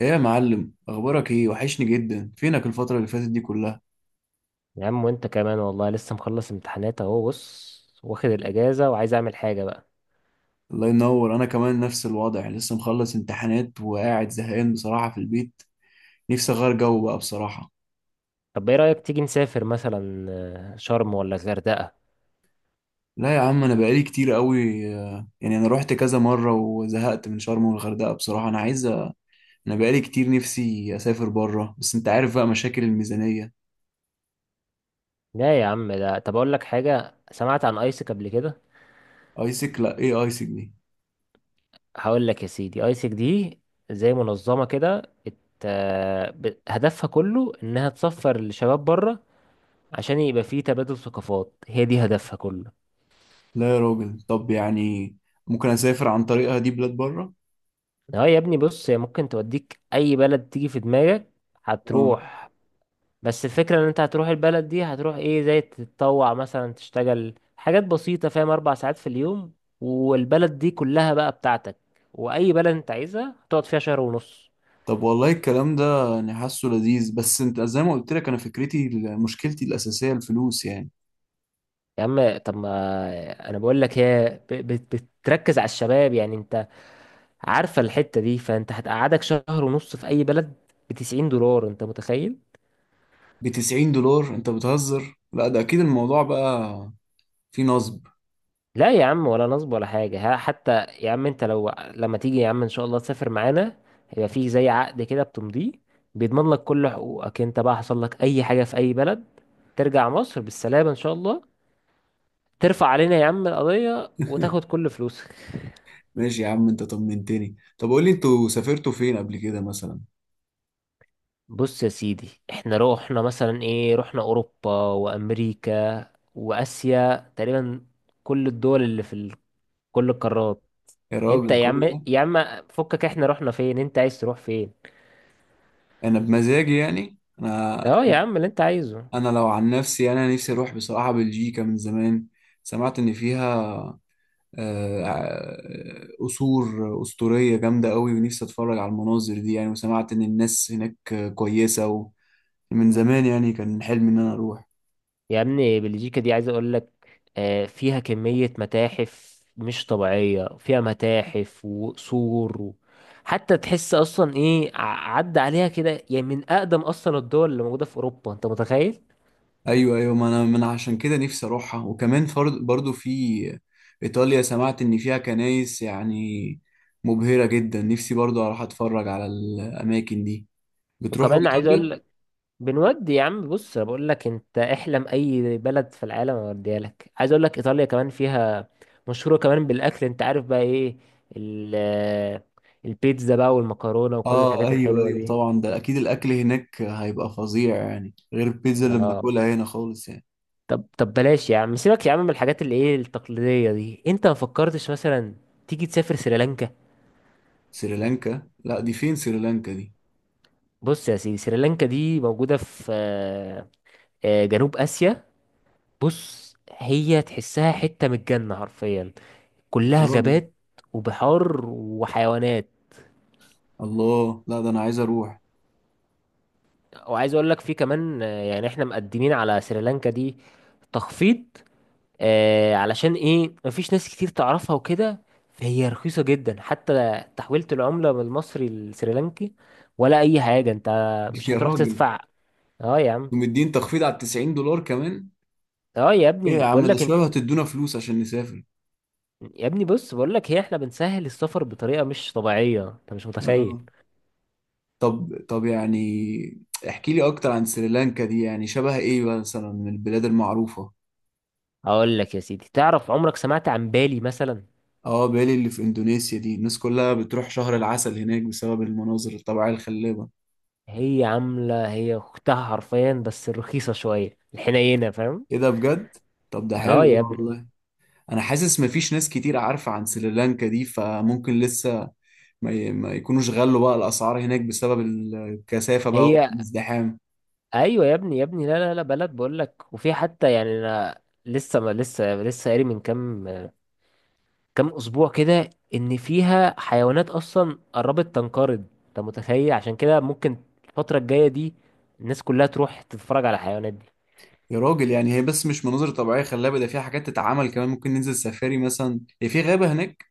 ايه يا معلم، اخبارك ايه؟ وحشني جدا، فينك الفترة اللي فاتت دي كلها؟ يا عم، وانت كمان والله لسه مخلص امتحانات اهو. بص، واخد الاجازه وعايز اعمل حاجه بقى. الله ينور. انا كمان نفس الوضع، لسه مخلص امتحانات وقاعد زهقان بصراحة في البيت. نفسي اغير جو بقى بصراحة. طب ايه رايك تيجي نسافر مثلا؟ شرم ولا الغردقه؟ لا يا عم، انا بقالي كتير قوي يعني انا رحت كذا مرة وزهقت من شرم والغردقة بصراحة. انا بقالي كتير نفسي اسافر بره، بس انت عارف بقى مشاكل الميزانية. لا يا عم. ده طب اقول لك حاجه، سمعت عن ايسك قبل كده؟ ايسك؟ لا، ايه ايسك دي؟ هقول لك يا سيدي، ايسك دي زي منظمه كده، هدفها كله انها تسفر الشباب بره. عشان يبقى فيه تبادل ثقافات، هي دي هدفها كله. لا يا راجل، طب يعني ممكن اسافر عن طريقها دي بلاد بره؟ اه يا ابني، بص، هي ممكن توديك اي بلد تيجي في دماغك. اه. هتروح. بس الفكرة ان انت هتروح البلد دي، هتروح ايه زي تتطوع مثلا، تشتغل حاجات بسيطة، فاهم، 4 ساعات في اليوم. والبلد دي كلها بقى بتاعتك، واي بلد انت عايزها هتقعد فيها شهر ونص. طب والله الكلام ده يعني حاسه لذيذ، بس انت زي ما قلت لك انا فكرتي، مشكلتي الاساسيه الفلوس يعني. يا عم، طب ما انا بقول لك، هي بتركز على الشباب، يعني انت عارفة الحتة دي، فانت هتقعدك شهر ونص في اي بلد ب 90 دولار. انت متخيل؟ ب 90 دولار؟ انت بتهزر. لا ده اكيد الموضوع بقى فيه نصب. لا يا عم، ولا نصب ولا حاجة، ها حتى. يا عم انت لو، لما تيجي يا عم ان شاء الله تسافر معانا، هيبقى فيه زي عقد كده بتمضيه. بيضمن لك كل حقوقك. انت بقى حصل لك اي حاجة في اي بلد، ترجع مصر بالسلامة ان شاء الله، ترفع علينا يا عم القضية وتاخد كل فلوسك. ماشي يا عم، انت طمنتني. طب قول لي انتوا سافرتوا فين قبل كده مثلا؟ بص يا سيدي، احنا روحنا مثلا ايه، رحنا اوروبا وامريكا واسيا تقريبا. كل الدول اللي في كل القارات. يا انت راجل يا عم. كل ده؟ يا عم فكك، احنا رحنا فين؟ انت عايز تروح فين؟ انا بمزاجي يعني انا، اه يا عم، اللي انت عايزه. انا لو عن نفسي يعني، انا نفسي اروح بصراحه بلجيكا من زمان. سمعت ان فيها قصور أسطورية جامدة قوي، ونفسي أتفرج على المناظر دي يعني. وسمعت إن الناس هناك كويسة، ومن زمان يعني كان حلمي إن أنا أروح. يا ابني، بلجيكا دي عايز اقول لك، فيها كمية متاحف مش طبيعية، فيها متاحف وقصور حتى تحس اصلا ايه، عدى عليها كده، يعني من اقدم اصلا الدول اللي موجودة في اوروبا. انت متخيل؟ أيوه أيوه، ما أنا عشان كده نفسي أروحها. وكمان فرض برضو في إيطاليا، سمعت إن فيها كنايس يعني مبهرة جدا، نفسي برضو أروح أتفرج على الأماكن دي. بتروحوا وكمان عايز اقول إيطاليا؟ لك، بنودي يا عم. بص، انا بقول لك انت احلم اي بلد في العالم اوديها لك. عايز اقول لك ايطاليا كمان فيها، مشهورة كمان بالاكل. انت عارف بقى ايه، ال- البيتزا بقى والمكرونة وكل آه الحاجات أيوه الحلوة أيوه دي. طبعا، ده أكيد الأكل هناك هيبقى فظيع يعني، غير البيتزا اللي اه. بناكلها هنا خالص يعني. طب بلاش يا عم، سيبك يا عم من الحاجات اللي ايه التقليدية دي. انت ما فكرتش مثلا تيجي تسافر سريلانكا؟ سريلانكا؟ لا، دي فين سريلانكا دي؟ بص يا سيدي، سريلانكا دي موجودة في جنوب آسيا. بص، هي تحسها حتة من الجنة حرفيا. يا كلها راجل غابات وبحار وحيوانات. الله، لا ده انا عايز اروح. وعايز اقول لك في كمان، يعني احنا مقدمين على سريلانكا دي تخفيض، علشان ايه مفيش ناس كتير تعرفها وكده. فهي رخيصة جدا، حتى تحويلة العملة من المصري للسريلانكي ولا اي حاجة. انت مش يا هتروح راجل، تدفع. اه يا عم. ومدين تخفيض على 90 دولار كمان؟ اه يا ايه ابني، يا عم، بقول ده لك. شباب هتدونا فلوس عشان نسافر. يا ابني بص، بقول لك، هي احنا بنسهل السفر بطريقة مش طبيعية. انت مش متخيل. آه. طب طب يعني احكي لي اكتر عن سريلانكا دي، يعني شبه ايه مثلا من البلاد المعروفة؟ اقول لك يا سيدي، تعرف، عمرك سمعت عن بالي مثلا؟ اه، بالي اللي في اندونيسيا دي الناس كلها بتروح شهر العسل هناك بسبب المناظر الطبيعية الخلابة. هي عاملة، هي اختها حرفيا، بس رخيصة شوية الحنينة، فاهم. ايه ده، بجد؟ طب ده اه حلو يا ابني. والله. انا حاسس مفيش ناس كتير عارفة عن سريلانكا دي، فممكن لسه ما يكونوش غلوا بقى الاسعار هناك بسبب الكثافه بقى هي والازدحام. ايوه يا ابني، يا ابني، لا لا لا، بلد بقول لك. وفي حتى يعني انا لسه ما لسه لسه قاري من كام اسبوع كده، ان فيها حيوانات اصلا قربت تنقرض. انت متخيل؟ عشان كده ممكن الفتره الجايه دي الناس كلها تروح تتفرج على الحيوانات دي. يا راجل يعني هي بس مش مناظر طبيعيه خلابه، ده فيها حاجات تتعمل كمان، ممكن ننزل سفاري مثلا، هي في غابه هناك.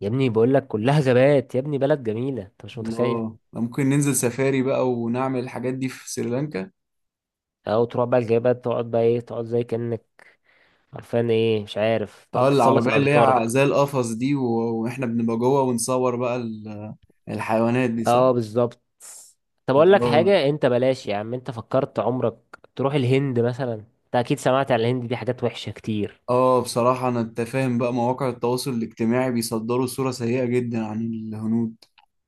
يا ابني بقول لك، كلها غابات. يا ابني بلد جميله، انت مش متخيل. الله، ده ممكن ننزل سفاري بقى ونعمل الحاجات دي في سريلانكا. او تروح بقى الغابات، تقعد بقى ايه، تقعد زي كانك عارفان ايه مش عارف، اه، تقعد تتسلق العربيه اللي الاشجار هي بقى. زي القفص دي، و... واحنا بنبقى جوه ونصور بقى ال... الحيوانات دي، صح؟ اه، بالظبط. طب اقول لك الله. حاجه، انت بلاش يا عم. انت فكرت عمرك تروح الهند مثلا؟ انت اكيد سمعت عن الهند دي حاجات وحشه كتير. اه بصراحة، أنت فاهم بقى، مواقع التواصل الاجتماعي بيصدروا صورة سيئة جدا عن الهنود.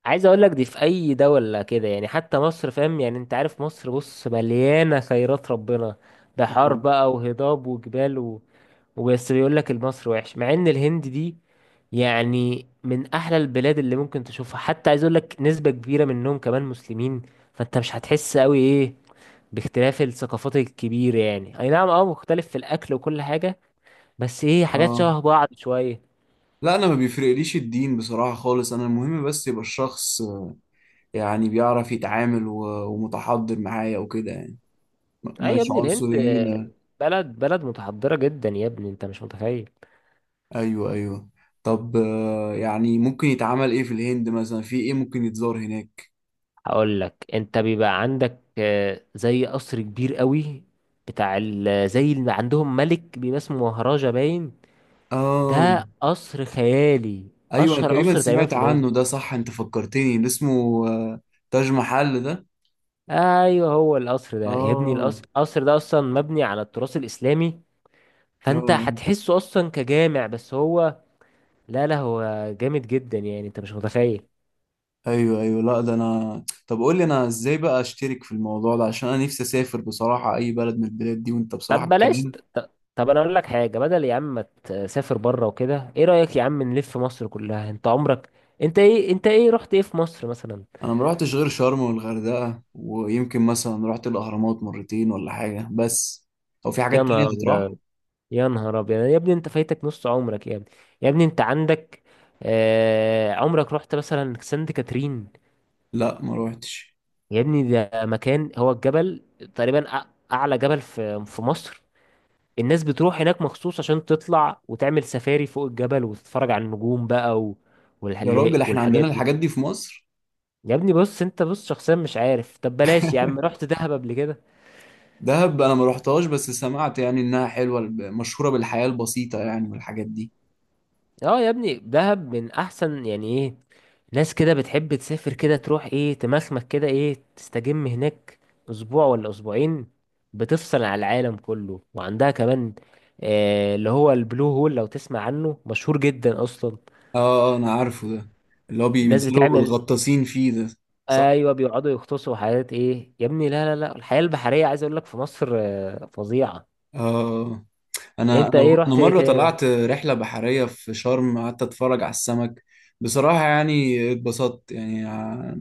عايز اقول لك دي في اي دولة كده، يعني حتى مصر فاهم، يعني انت عارف مصر، بص مليانة خيرات ربنا، بحار اه. بقى وهضاب وجبال وبس بيقول لك المصر وحش، مع ان الهند دي يعني من احلى البلاد اللي ممكن تشوفها. حتى عايز اقول لك نسبة كبيرة منهم كمان مسلمين. فانت مش هتحس قوي ايه، باختلاف الثقافات الكبيرة، يعني اي نعم اه مختلف في الاكل وكل حاجة، بس ايه حاجات آه. شبه بعض شوية. لا انا ما بيفرقليش الدين بصراحة خالص، انا المهم بس يبقى الشخص يعني بيعرف يتعامل ومتحضر معايا وكده يعني، اي يا مش ابني، الهند عنصريين يعني. بلد بلد متحضرة جدا، يا ابني انت مش متخيل. ايوه ايوه. طب يعني ممكن يتعمل ايه في الهند مثلا، في ايه ممكن يتزار هناك؟ هقول لك، انت بيبقى عندك زي قصر كبير قوي بتاع زي اللي عندهم ملك، بيبقى اسمه مهراجا باين. اه ده قصر خيالي، ايوه، انا اشهر تقريبا قصر تقريبا سمعت في الهند. عنه ده، صح، انت فكرتني اللي اسمه تاج محل ده. ايوه، هو القصر ده يا ابني. اه القصر ده اصلا مبني على التراث الاسلامي. فانت اه. هتحسه اصلا كجامع، بس هو لا لا هو جامد جدا، يعني انت مش متخيل. ايوه ايوه، لا ده انا، طب قول لي انا ازاي بقى اشترك في الموضوع ده، عشان انا نفسي اسافر بصراحه اي بلد من البلاد دي، وانت بصراحه طب بلاش، الكلام. طب انا اقول لك حاجه، بدل يا عم ما تسافر بره وكده، ايه رايك يا عم نلف مصر كلها؟ انت عمرك، انت ايه رحت ايه في مصر مثلا؟ انا ما رحتش غير شرم والغردقه، ويمكن مثلا رحت الاهرامات مرتين ولا حاجه، بس هو في يا حاجات تانية نهار تتراح؟ ابيض، يا نهار ابيض يا ابني، انت فايتك نص عمرك. يا ابني، يا ابني، انت عندك عمرك رحت مثلا سانت كاترين؟ لا ما روحتش. يا ابني ده مكان، هو الجبل تقريبا، اعلى جبل في مصر. الناس بتروح هناك مخصوص عشان تطلع وتعمل سفاري فوق الجبل، وتتفرج على النجوم بقى يا راجل والحلاق احنا عندنا والحاجات دي. الحاجات دي في مصر؟ يا ابني بص، انت بص شخصيا مش عارف، طب بلاش يا عم. رحت دهب قبل كده؟ دهب انا ما روحتهاش، بس سمعت يعني انها حلوه، مشهوره بالحياه البسيطه يعني والحاجات دي. اه يا ابني، دهب من احسن، يعني ايه، ناس كده بتحب تسافر كده، تروح ايه تمخمك كده، ايه تستجم هناك اسبوع ولا اسبوعين، بتفصل على العالم كله. وعندها كمان اللي هو البلو هول، لو تسمع عنه مشهور جدا اصلا. اه انا عارفه ده، اللي هو الناس بينزلوا بتعمل، الغطاسين فيه ده، صح. ايوه بيقعدوا يغطسوا حاجات ايه يا ابني. لا لا لا، الحياة البحرية عايز اقول لك في مصر فظيعة. اه. آه. انا انت انا ايه انا رحت ايه مره تاني؟ طلعت رحله بحريه في شرم، قعدت اتفرج على السمك. بصراحه يعني اتبسطت يعني،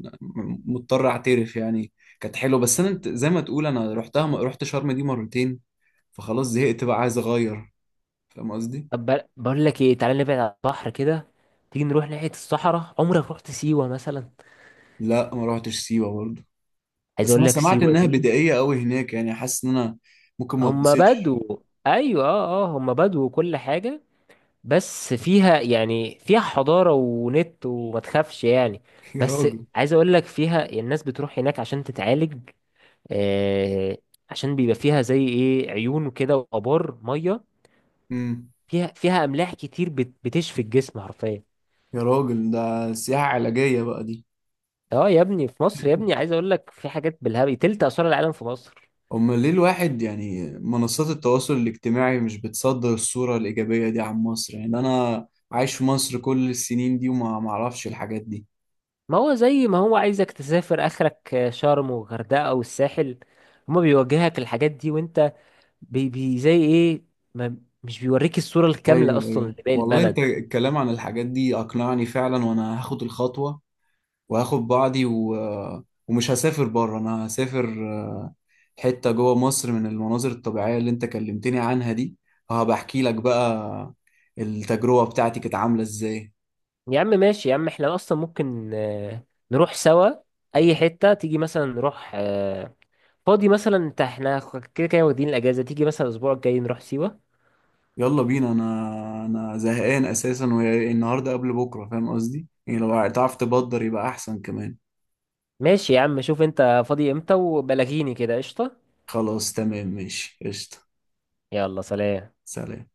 مضطر اعترف يعني. كانت حلوه، بس انا زي ما تقول انا رحتها، رحت شرم دي مرتين، فخلاص زهقت بقى عايز اغير، فاهم قصدي؟ طب بقول لك ايه، تعالى نبعد عن البحر كده، تيجي نروح ناحية الصحراء. عمرك رحت سيوة مثلا؟ لا ما روحتش سيوه برضه، عايز بس اقول انا لك سمعت سيوة انها دي، بدائيه قوي هناك يعني، حاسس ان انا ممكن ما هم اتبسطش. بدو، ايوه، هم بدو وكل حاجة. بس فيها، يعني فيها حضارة ونت، وما تخافش يعني. يا بس راجل. عايز اقول لك، فيها الناس بتروح هناك عشان تتعالج، آه عشان بيبقى فيها زي ايه عيون وكده، وابار مية. امم فيها املاح كتير بتشفي الجسم حرفيا. يا راجل ده سياحه علاجيه بقى دي. اه يا ابني، في مصر يا ابني، عايز اقول لك في حاجات بالهبل، 3 اسوار العالم في مصر. امال ليه الواحد يعني منصات التواصل الاجتماعي مش بتصدر الصورة الإيجابية دي عن مصر؟ يعني أنا عايش في مصر كل السنين دي وما معرفش الحاجات دي. ما هو زي ما هو عايزك تسافر اخرك شرم وغردقه والساحل، هما بيوجهك الحاجات دي، وانت بي بي زي ايه، ما مش بيوريك الصوره الكامله أيوه اصلا أيوه لباقي والله، أنت البلد. الكلام عن الحاجات دي أقنعني فعلا، وأنا هاخد الخطوة وهاخد بعضي و... ومش هسافر بره، أنا هسافر آه، حتة جوه مصر من المناظر الطبيعية اللي أنت كلمتني عنها دي، هبقى أحكي لك بقى التجربة بتاعتي كانت عاملة إزاي. يا عم ماشي يا عم، احنا اصلا ممكن نروح سوا اي حته، تيجي مثلا نروح فاضي مثلا انت، احنا كده كده واخدين الاجازه، تيجي مثلا الاسبوع الجاي نروح سيوه. يلا بينا، انا انا زهقان اساسا، والنهارده قبل بكره فاهم قصدي، يعني لو تعرف تبدر يبقى احسن كمان. ماشي يا عم، شوف انت فاضي امتى وبلغيني كده، قشطه. خلاص تمام، ماشي، قشطه. يلا سلام. سلام.